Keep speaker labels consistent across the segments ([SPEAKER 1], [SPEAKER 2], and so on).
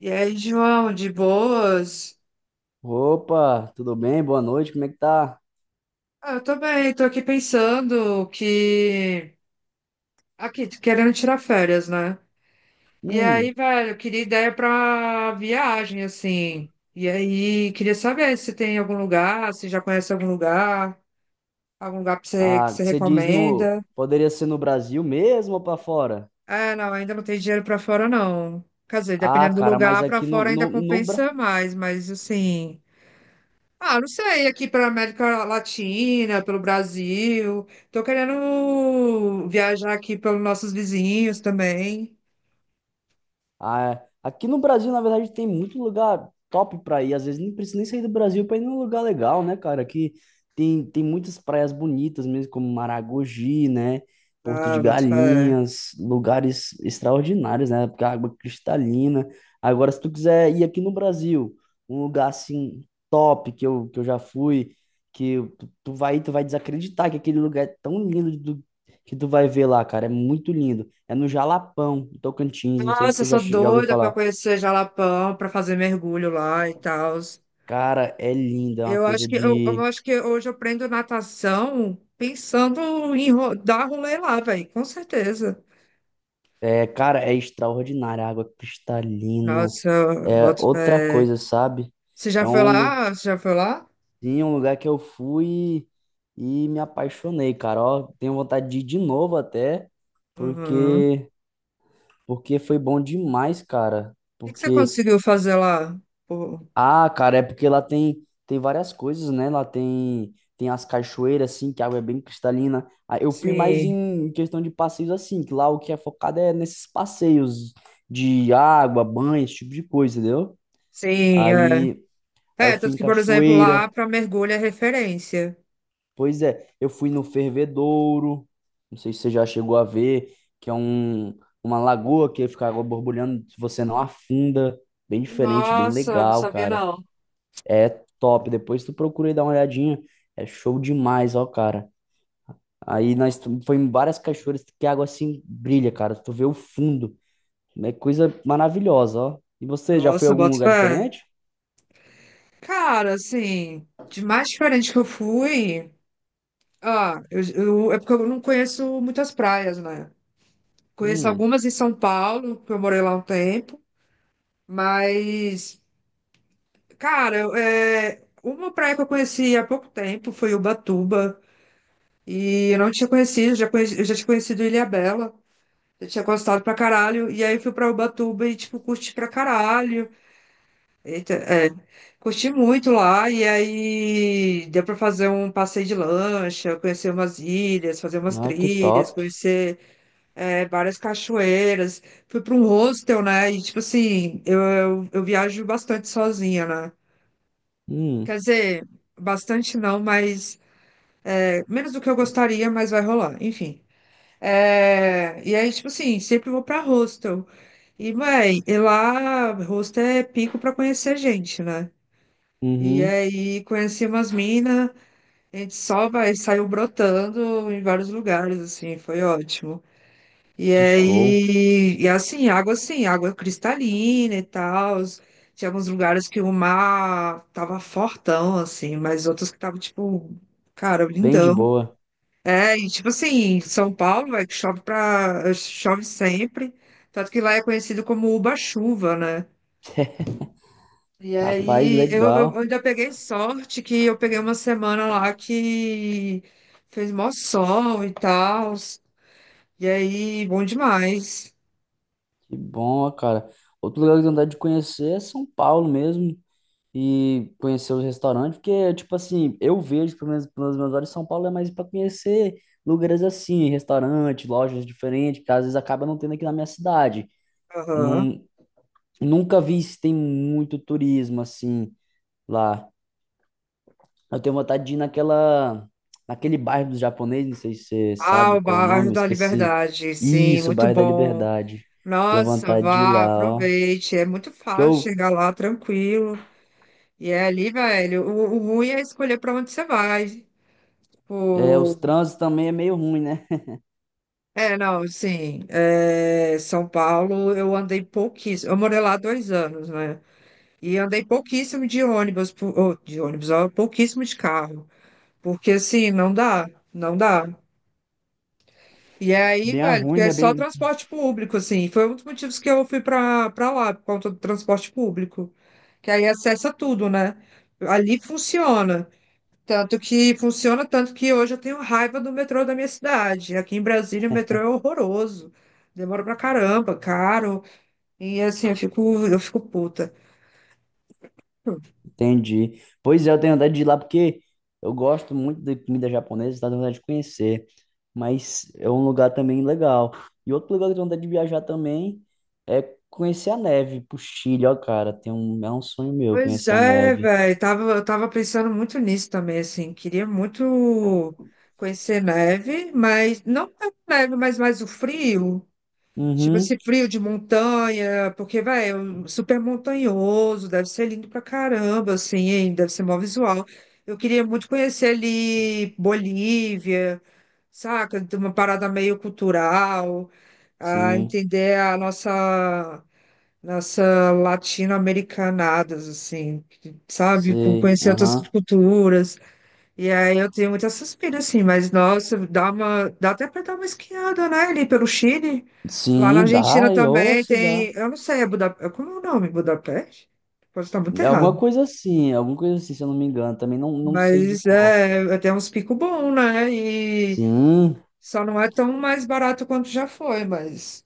[SPEAKER 1] E aí, João, de boas?
[SPEAKER 2] Opa, tudo bem? Boa noite, como é que tá?
[SPEAKER 1] Ah, eu tô bem, tô aqui pensando que. Aqui, querendo tirar férias, né? E aí,
[SPEAKER 2] Hum,
[SPEAKER 1] velho, eu queria ideia pra viagem, assim. E aí, queria saber se tem algum lugar, se já conhece algum lugar pra você, que
[SPEAKER 2] ah,
[SPEAKER 1] você
[SPEAKER 2] você diz no,
[SPEAKER 1] recomenda.
[SPEAKER 2] poderia ser no Brasil mesmo ou pra fora?
[SPEAKER 1] É, não, ainda não tem dinheiro pra fora, não. Quer dizer,
[SPEAKER 2] Ah,
[SPEAKER 1] dependendo do
[SPEAKER 2] cara, mas
[SPEAKER 1] lugar, pra
[SPEAKER 2] aqui no,
[SPEAKER 1] fora ainda
[SPEAKER 2] no, no, Bra-
[SPEAKER 1] compensa mais, mas assim. Ah, não sei, aqui para América Latina, pelo Brasil. Tô querendo viajar aqui pelos nossos vizinhos também.
[SPEAKER 2] Ah, é. Aqui no Brasil, na verdade, tem muito lugar top pra ir. Às vezes nem precisa nem sair do Brasil pra ir num lugar legal, né, cara? Aqui tem muitas praias bonitas mesmo, como Maragogi, né? Porto
[SPEAKER 1] Ah,
[SPEAKER 2] de
[SPEAKER 1] boto fé.
[SPEAKER 2] Galinhas, lugares extraordinários, né? Porque a água é cristalina. Agora, se tu quiser ir aqui no Brasil, um lugar assim top que eu já fui, que tu vai desacreditar que aquele lugar é tão lindo que tu vai ver lá, cara. É muito lindo. É no Jalapão, em Tocantins. Não sei se
[SPEAKER 1] Nossa, eu
[SPEAKER 2] você
[SPEAKER 1] sou
[SPEAKER 2] já ouviu
[SPEAKER 1] doida para
[SPEAKER 2] falar.
[SPEAKER 1] conhecer Jalapão, para fazer mergulho lá e tal.
[SPEAKER 2] Cara, é lindo. É uma
[SPEAKER 1] Eu acho
[SPEAKER 2] coisa
[SPEAKER 1] que
[SPEAKER 2] de.
[SPEAKER 1] hoje eu aprendo natação pensando em dar rolê lá, velho, com certeza.
[SPEAKER 2] É, cara, é extraordinário. A água cristalina.
[SPEAKER 1] Nossa,
[SPEAKER 2] É
[SPEAKER 1] boto
[SPEAKER 2] outra
[SPEAKER 1] fé.
[SPEAKER 2] coisa, sabe?
[SPEAKER 1] Você já
[SPEAKER 2] É
[SPEAKER 1] foi lá? Você já foi lá?
[SPEAKER 2] sim, um lugar que eu fui e me apaixonei, cara. Ó, tenho vontade de ir de novo até,
[SPEAKER 1] Uhum. O
[SPEAKER 2] porque, porque foi bom demais, cara.
[SPEAKER 1] que que você
[SPEAKER 2] Porque
[SPEAKER 1] conseguiu fazer lá? Pô,
[SPEAKER 2] ah, cara, é porque lá tem várias coisas, né? Lá tem as cachoeiras assim, que a água é bem cristalina. Ah, eu fui mais
[SPEAKER 1] sim.
[SPEAKER 2] em questão de passeios assim, que lá o que é focado é nesses passeios de água, banho, esse tipo de coisa, entendeu?
[SPEAKER 1] Sim, é.
[SPEAKER 2] Aí aí eu
[SPEAKER 1] É,
[SPEAKER 2] fui
[SPEAKER 1] tanto
[SPEAKER 2] em
[SPEAKER 1] que, por exemplo, lá
[SPEAKER 2] cachoeira.
[SPEAKER 1] para mergulho é referência.
[SPEAKER 2] Pois é, eu fui no Fervedouro. Não sei se você já chegou a ver, que é uma lagoa que fica água borbulhando, se você não afunda, bem diferente, bem
[SPEAKER 1] Nossa, não
[SPEAKER 2] legal,
[SPEAKER 1] sabia
[SPEAKER 2] cara.
[SPEAKER 1] não.
[SPEAKER 2] É top. Depois tu procura e dá uma olhadinha. É show demais, ó, cara. Aí foi em várias cachoeiras que a água assim brilha, cara. Tu vê o fundo. É coisa maravilhosa, ó. E você já foi a
[SPEAKER 1] Nossa,
[SPEAKER 2] algum
[SPEAKER 1] bota
[SPEAKER 2] lugar
[SPEAKER 1] fé.
[SPEAKER 2] diferente?
[SPEAKER 1] Cara, assim, de mais diferente que eu fui, ah, é porque eu não conheço muitas praias, né? Conheço
[SPEAKER 2] Hum,
[SPEAKER 1] algumas em São Paulo, que eu morei lá um tempo, mas, cara, é, uma praia que eu conheci há pouco tempo foi Ubatuba, e eu não tinha conhecido, já conheci, eu já tinha conhecido Ilhabela. Eu tinha gostado pra caralho. E aí eu fui pra Ubatuba e, tipo, curti pra caralho. Eita, é, curti muito lá. E aí deu pra fazer um passeio de lancha, conhecer umas ilhas, fazer umas
[SPEAKER 2] ah, que
[SPEAKER 1] trilhas,
[SPEAKER 2] top.
[SPEAKER 1] conhecer várias cachoeiras. Fui pra um hostel, né? E, tipo assim, eu viajo bastante sozinha, né?
[SPEAKER 2] Hum,
[SPEAKER 1] Quer dizer, bastante não, mas é, menos do que eu gostaria, mas vai rolar. Enfim. É, e aí, tipo assim, sempre vou pra hostel. E, mãe, e lá, hostel é pico pra conhecer gente, né? E
[SPEAKER 2] uhum,
[SPEAKER 1] aí, conheci umas minas, a gente só vai, saiu brotando em vários lugares, assim, foi ótimo. E
[SPEAKER 2] que show.
[SPEAKER 1] aí, e assim, água cristalina e tal. Tinha alguns lugares que o mar tava fortão, assim, mas outros que tava, tipo, cara,
[SPEAKER 2] Bem de
[SPEAKER 1] lindão.
[SPEAKER 2] boa.
[SPEAKER 1] É, e tipo assim, São Paulo, é que chove sempre, tanto que lá é conhecido como Uba-chuva, né? E
[SPEAKER 2] Rapaz,
[SPEAKER 1] aí eu
[SPEAKER 2] legal.
[SPEAKER 1] ainda peguei sorte que eu peguei uma semana lá que fez mó sol e tal, e aí bom demais.
[SPEAKER 2] Que bom, ó, cara. Outro lugar que eu tenho vontade de conhecer é São Paulo mesmo. E conhecer os restaurantes, porque, tipo assim, eu vejo, pelo menos pelos meus olhos, São Paulo é mais para conhecer lugares assim, restaurantes, lojas diferentes, que às vezes acaba não tendo aqui na minha cidade.
[SPEAKER 1] Aham.
[SPEAKER 2] Nun- Nunca vi se tem muito turismo assim lá. Eu tenho vontade de ir naquele bairro dos japoneses, não sei se você
[SPEAKER 1] Ah,
[SPEAKER 2] sabe
[SPEAKER 1] o
[SPEAKER 2] qual é o
[SPEAKER 1] bairro
[SPEAKER 2] nome,
[SPEAKER 1] da
[SPEAKER 2] esqueci.
[SPEAKER 1] Liberdade, sim,
[SPEAKER 2] Isso,
[SPEAKER 1] muito
[SPEAKER 2] bairro da
[SPEAKER 1] bom.
[SPEAKER 2] Liberdade. Tenho
[SPEAKER 1] Nossa,
[SPEAKER 2] vontade de ir
[SPEAKER 1] vá,
[SPEAKER 2] lá, ó.
[SPEAKER 1] aproveite. É muito
[SPEAKER 2] Porque
[SPEAKER 1] fácil
[SPEAKER 2] eu,
[SPEAKER 1] chegar lá tranquilo. E é ali, velho. O ruim é escolher para onde você vai.
[SPEAKER 2] é, os
[SPEAKER 1] O...
[SPEAKER 2] trânsitos também é meio ruim, né?
[SPEAKER 1] É, não, sim. É, São Paulo, eu andei pouquíssimo. Eu morei lá 2 anos, né? E andei pouquíssimo de ônibus, ou, de ônibus, ó, pouquíssimo de carro. Porque, assim, não dá, não dá. E aí,
[SPEAKER 2] Bem a
[SPEAKER 1] velho, porque
[SPEAKER 2] ruim,
[SPEAKER 1] é
[SPEAKER 2] né?
[SPEAKER 1] só
[SPEAKER 2] Bem
[SPEAKER 1] transporte público, assim. Foi um dos motivos que eu fui pra, lá, por conta do transporte público. Que aí acessa tudo, né? Ali funciona. Tanto que funciona, tanto que hoje eu tenho raiva do metrô da minha cidade. Aqui em Brasília o metrô é horroroso. Demora pra caramba, caro. E assim, eu fico puta.
[SPEAKER 2] entendi. Pois é, eu tenho vontade de ir lá porque eu gosto muito de comida japonesa, tá tenho vontade de conhecer. Mas é um lugar também legal. E outro lugar que eu tenho vontade de viajar também é conhecer a neve, pro Chile, ó, cara. Tem um, é um sonho meu
[SPEAKER 1] Pois
[SPEAKER 2] conhecer a
[SPEAKER 1] é,
[SPEAKER 2] neve.
[SPEAKER 1] velho. Eu tava pensando muito nisso também, assim. Queria muito conhecer neve, mas não tanto neve, mas mais o frio. Tipo
[SPEAKER 2] Uhum,
[SPEAKER 1] esse frio de montanha, porque, vai, é um super montanhoso, deve ser lindo pra caramba, assim, hein? Deve ser mó visual. Eu queria muito conhecer ali Bolívia, saca? Tem uma parada meio cultural, a
[SPEAKER 2] sim,
[SPEAKER 1] entender a nossa latino-americanadas, assim, sabe?
[SPEAKER 2] sei,
[SPEAKER 1] Conhecer outras
[SPEAKER 2] aham.
[SPEAKER 1] culturas. E aí eu tenho muita suspira, assim, mas nossa, dá até para dar uma esquiada, né, ali pelo Chile. Lá na
[SPEAKER 2] Sim,
[SPEAKER 1] Argentina
[SPEAKER 2] dá, e ô,
[SPEAKER 1] também
[SPEAKER 2] se dá.
[SPEAKER 1] tem, eu não sei, é Budapeste, como é o nome? Budapeste? Pode estar muito
[SPEAKER 2] É
[SPEAKER 1] errado.
[SPEAKER 2] alguma coisa assim, se eu não me engano. Também não sei de
[SPEAKER 1] Mas
[SPEAKER 2] qual.
[SPEAKER 1] é, tem uns picos bons, né? E
[SPEAKER 2] Sim,
[SPEAKER 1] só não é tão mais barato quanto já foi, mas...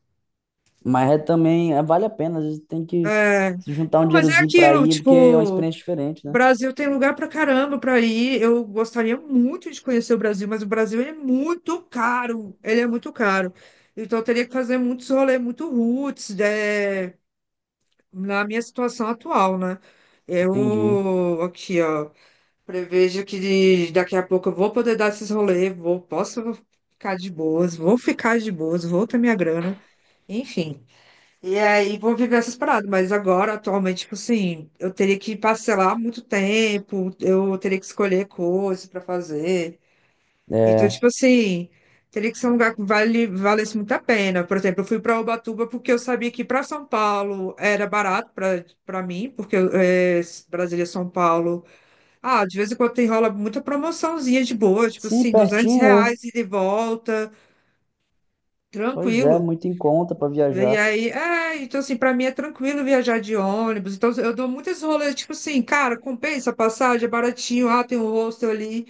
[SPEAKER 2] mas é também, é, vale a pena, às vezes tem que
[SPEAKER 1] É,
[SPEAKER 2] se juntar um
[SPEAKER 1] não, mas é
[SPEAKER 2] dinheirozinho pra
[SPEAKER 1] aquilo,
[SPEAKER 2] ir, porque é uma
[SPEAKER 1] tipo...
[SPEAKER 2] experiência diferente, né?
[SPEAKER 1] Brasil tem lugar pra caramba pra ir. Eu gostaria muito de conhecer o Brasil, mas o Brasil ele é muito caro. Ele é muito caro. Então eu teria que fazer muitos rolês, muito roots, né, na minha situação atual, né?
[SPEAKER 2] Entendi.
[SPEAKER 1] Eu aqui, ó, prevejo que daqui a pouco eu vou poder dar esses rolês, vou, posso ficar de boas, vou ficar de boas, vou ter minha grana, enfim. E aí vou viver essas paradas, mas agora, atualmente, tipo assim, eu teria que parcelar muito tempo, eu teria que escolher coisas pra fazer. Então,
[SPEAKER 2] É,
[SPEAKER 1] tipo assim, teria que ser um lugar que valesse muito a pena. Por exemplo, eu fui pra Ubatuba porque eu sabia que pra São Paulo era barato pra para mim, porque é, Brasília, São Paulo. Ah, de vez em quando tem rola muita promoçãozinha de boa, tipo
[SPEAKER 2] sim,
[SPEAKER 1] assim, 200
[SPEAKER 2] pertinho, né?
[SPEAKER 1] reais ida e de volta,
[SPEAKER 2] Pois é,
[SPEAKER 1] tranquilo.
[SPEAKER 2] muito em conta pra
[SPEAKER 1] E
[SPEAKER 2] viajar.
[SPEAKER 1] aí, é, então assim, pra mim é tranquilo viajar de ônibus. Então eu dou muitas rolês, tipo assim, cara, compensa a passagem, é baratinho, ah, tem um hostel ali,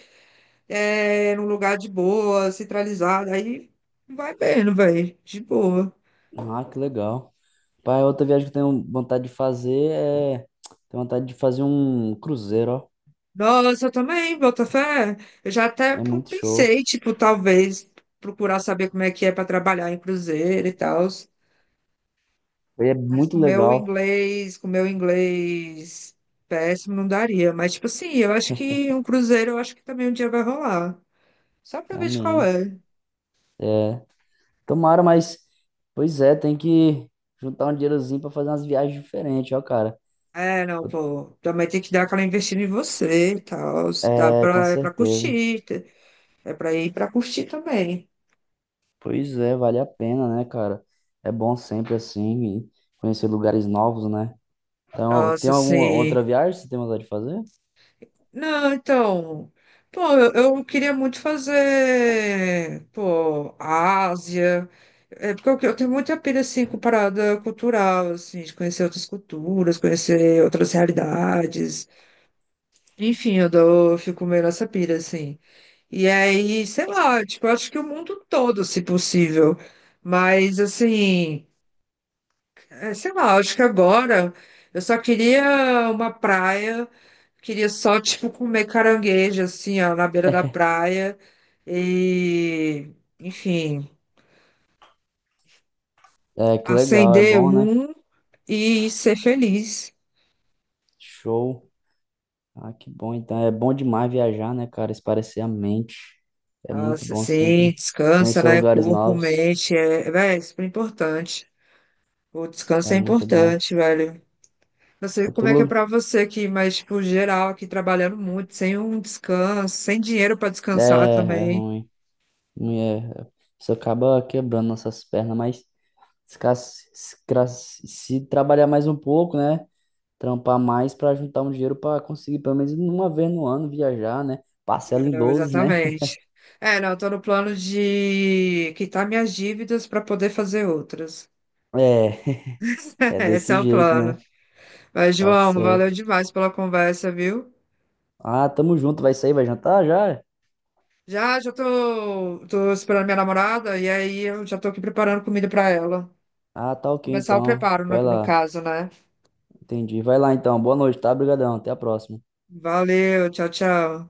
[SPEAKER 1] é, num lugar de boa, centralizado. Aí vai vendo, velho, de boa.
[SPEAKER 2] Ah, que legal. Pai, outra viagem que eu tenho vontade de fazer é. Tenho vontade de fazer um cruzeiro, ó.
[SPEAKER 1] Nossa, eu também, Botafé. Eu já até
[SPEAKER 2] É muito show.
[SPEAKER 1] pensei, tipo, talvez procurar saber como é que é pra trabalhar em cruzeiro e tal.
[SPEAKER 2] E é
[SPEAKER 1] Mas
[SPEAKER 2] muito legal.
[SPEAKER 1] com o meu inglês péssimo, não daria. Mas, tipo assim, eu acho que um cruzeiro, eu acho que também um dia vai rolar. Só pra
[SPEAKER 2] É
[SPEAKER 1] ver de qual
[SPEAKER 2] amém.
[SPEAKER 1] é.
[SPEAKER 2] Tomara, mas. Pois é, tem que juntar um dinheirozinho pra fazer umas viagens diferentes, ó, cara.
[SPEAKER 1] É, não, pô. Também tem que dar aquela investida em você e tal.
[SPEAKER 2] É, com
[SPEAKER 1] É pra
[SPEAKER 2] certeza.
[SPEAKER 1] curtir. É pra ir pra curtir também.
[SPEAKER 2] Pois é, vale a pena, né, cara? É bom sempre assim e conhecer lugares novos, né? Então, tem
[SPEAKER 1] Nossa,
[SPEAKER 2] alguma
[SPEAKER 1] sim.
[SPEAKER 2] outra viagem que você tem vontade de fazer?
[SPEAKER 1] Não, então. Pô, eu queria muito fazer, pô, Ásia. É porque eu tenho muita pira, assim, com parada cultural, assim, de conhecer outras culturas, conhecer outras realidades. Enfim, eu fico meio nessa pira, assim. E aí, sei lá, tipo, eu acho que o mundo todo, se possível. Mas, assim, é, sei lá, acho que agora eu só queria uma praia. Queria só, tipo, comer caranguejo, assim, ó, na beira da praia. E, enfim,
[SPEAKER 2] É, que legal, é
[SPEAKER 1] acender
[SPEAKER 2] bom, né?
[SPEAKER 1] um e ser feliz.
[SPEAKER 2] Show. Ah, que bom. Então, é bom demais viajar, né, cara? Espairecer a mente. É muito
[SPEAKER 1] Nossa,
[SPEAKER 2] bom
[SPEAKER 1] sim,
[SPEAKER 2] sempre.
[SPEAKER 1] descansa,
[SPEAKER 2] Conhecer
[SPEAKER 1] né?
[SPEAKER 2] lugares
[SPEAKER 1] Corpo,
[SPEAKER 2] novos
[SPEAKER 1] mente, é, véi, é super importante. O descanso
[SPEAKER 2] é
[SPEAKER 1] é
[SPEAKER 2] muito bom.
[SPEAKER 1] importante, velho. Não sei
[SPEAKER 2] Outro
[SPEAKER 1] como é que é
[SPEAKER 2] lugar
[SPEAKER 1] pra você aqui, mas, tipo, geral, aqui trabalhando muito, sem um descanso, sem dinheiro pra
[SPEAKER 2] é,
[SPEAKER 1] descansar
[SPEAKER 2] é
[SPEAKER 1] também.
[SPEAKER 2] ruim. Não é, isso acaba quebrando nossas pernas, mas se trabalhar mais um pouco, né? Trampar mais para juntar um dinheiro para conseguir pelo menos uma vez no ano viajar, né? Parcela
[SPEAKER 1] É,
[SPEAKER 2] em
[SPEAKER 1] não,
[SPEAKER 2] 12, né?
[SPEAKER 1] exatamente. É, não, eu tô no plano de quitar minhas dívidas para poder fazer outras.
[SPEAKER 2] É, é
[SPEAKER 1] Esse
[SPEAKER 2] desse
[SPEAKER 1] é o
[SPEAKER 2] jeito,
[SPEAKER 1] plano.
[SPEAKER 2] né?
[SPEAKER 1] Mas,
[SPEAKER 2] Tá
[SPEAKER 1] João, valeu
[SPEAKER 2] certo.
[SPEAKER 1] demais pela conversa, viu?
[SPEAKER 2] Ah, tamo junto, vai sair, vai jantar já?
[SPEAKER 1] Já, já tô, esperando minha namorada e aí eu já tô aqui preparando comida para ela.
[SPEAKER 2] Ah, tá ok
[SPEAKER 1] Começar o
[SPEAKER 2] então.
[SPEAKER 1] preparo, no,
[SPEAKER 2] Vai
[SPEAKER 1] no
[SPEAKER 2] lá.
[SPEAKER 1] caso, né?
[SPEAKER 2] Entendi. Vai lá então. Boa noite, tá? Obrigadão. Até a próxima.
[SPEAKER 1] Valeu, tchau, tchau.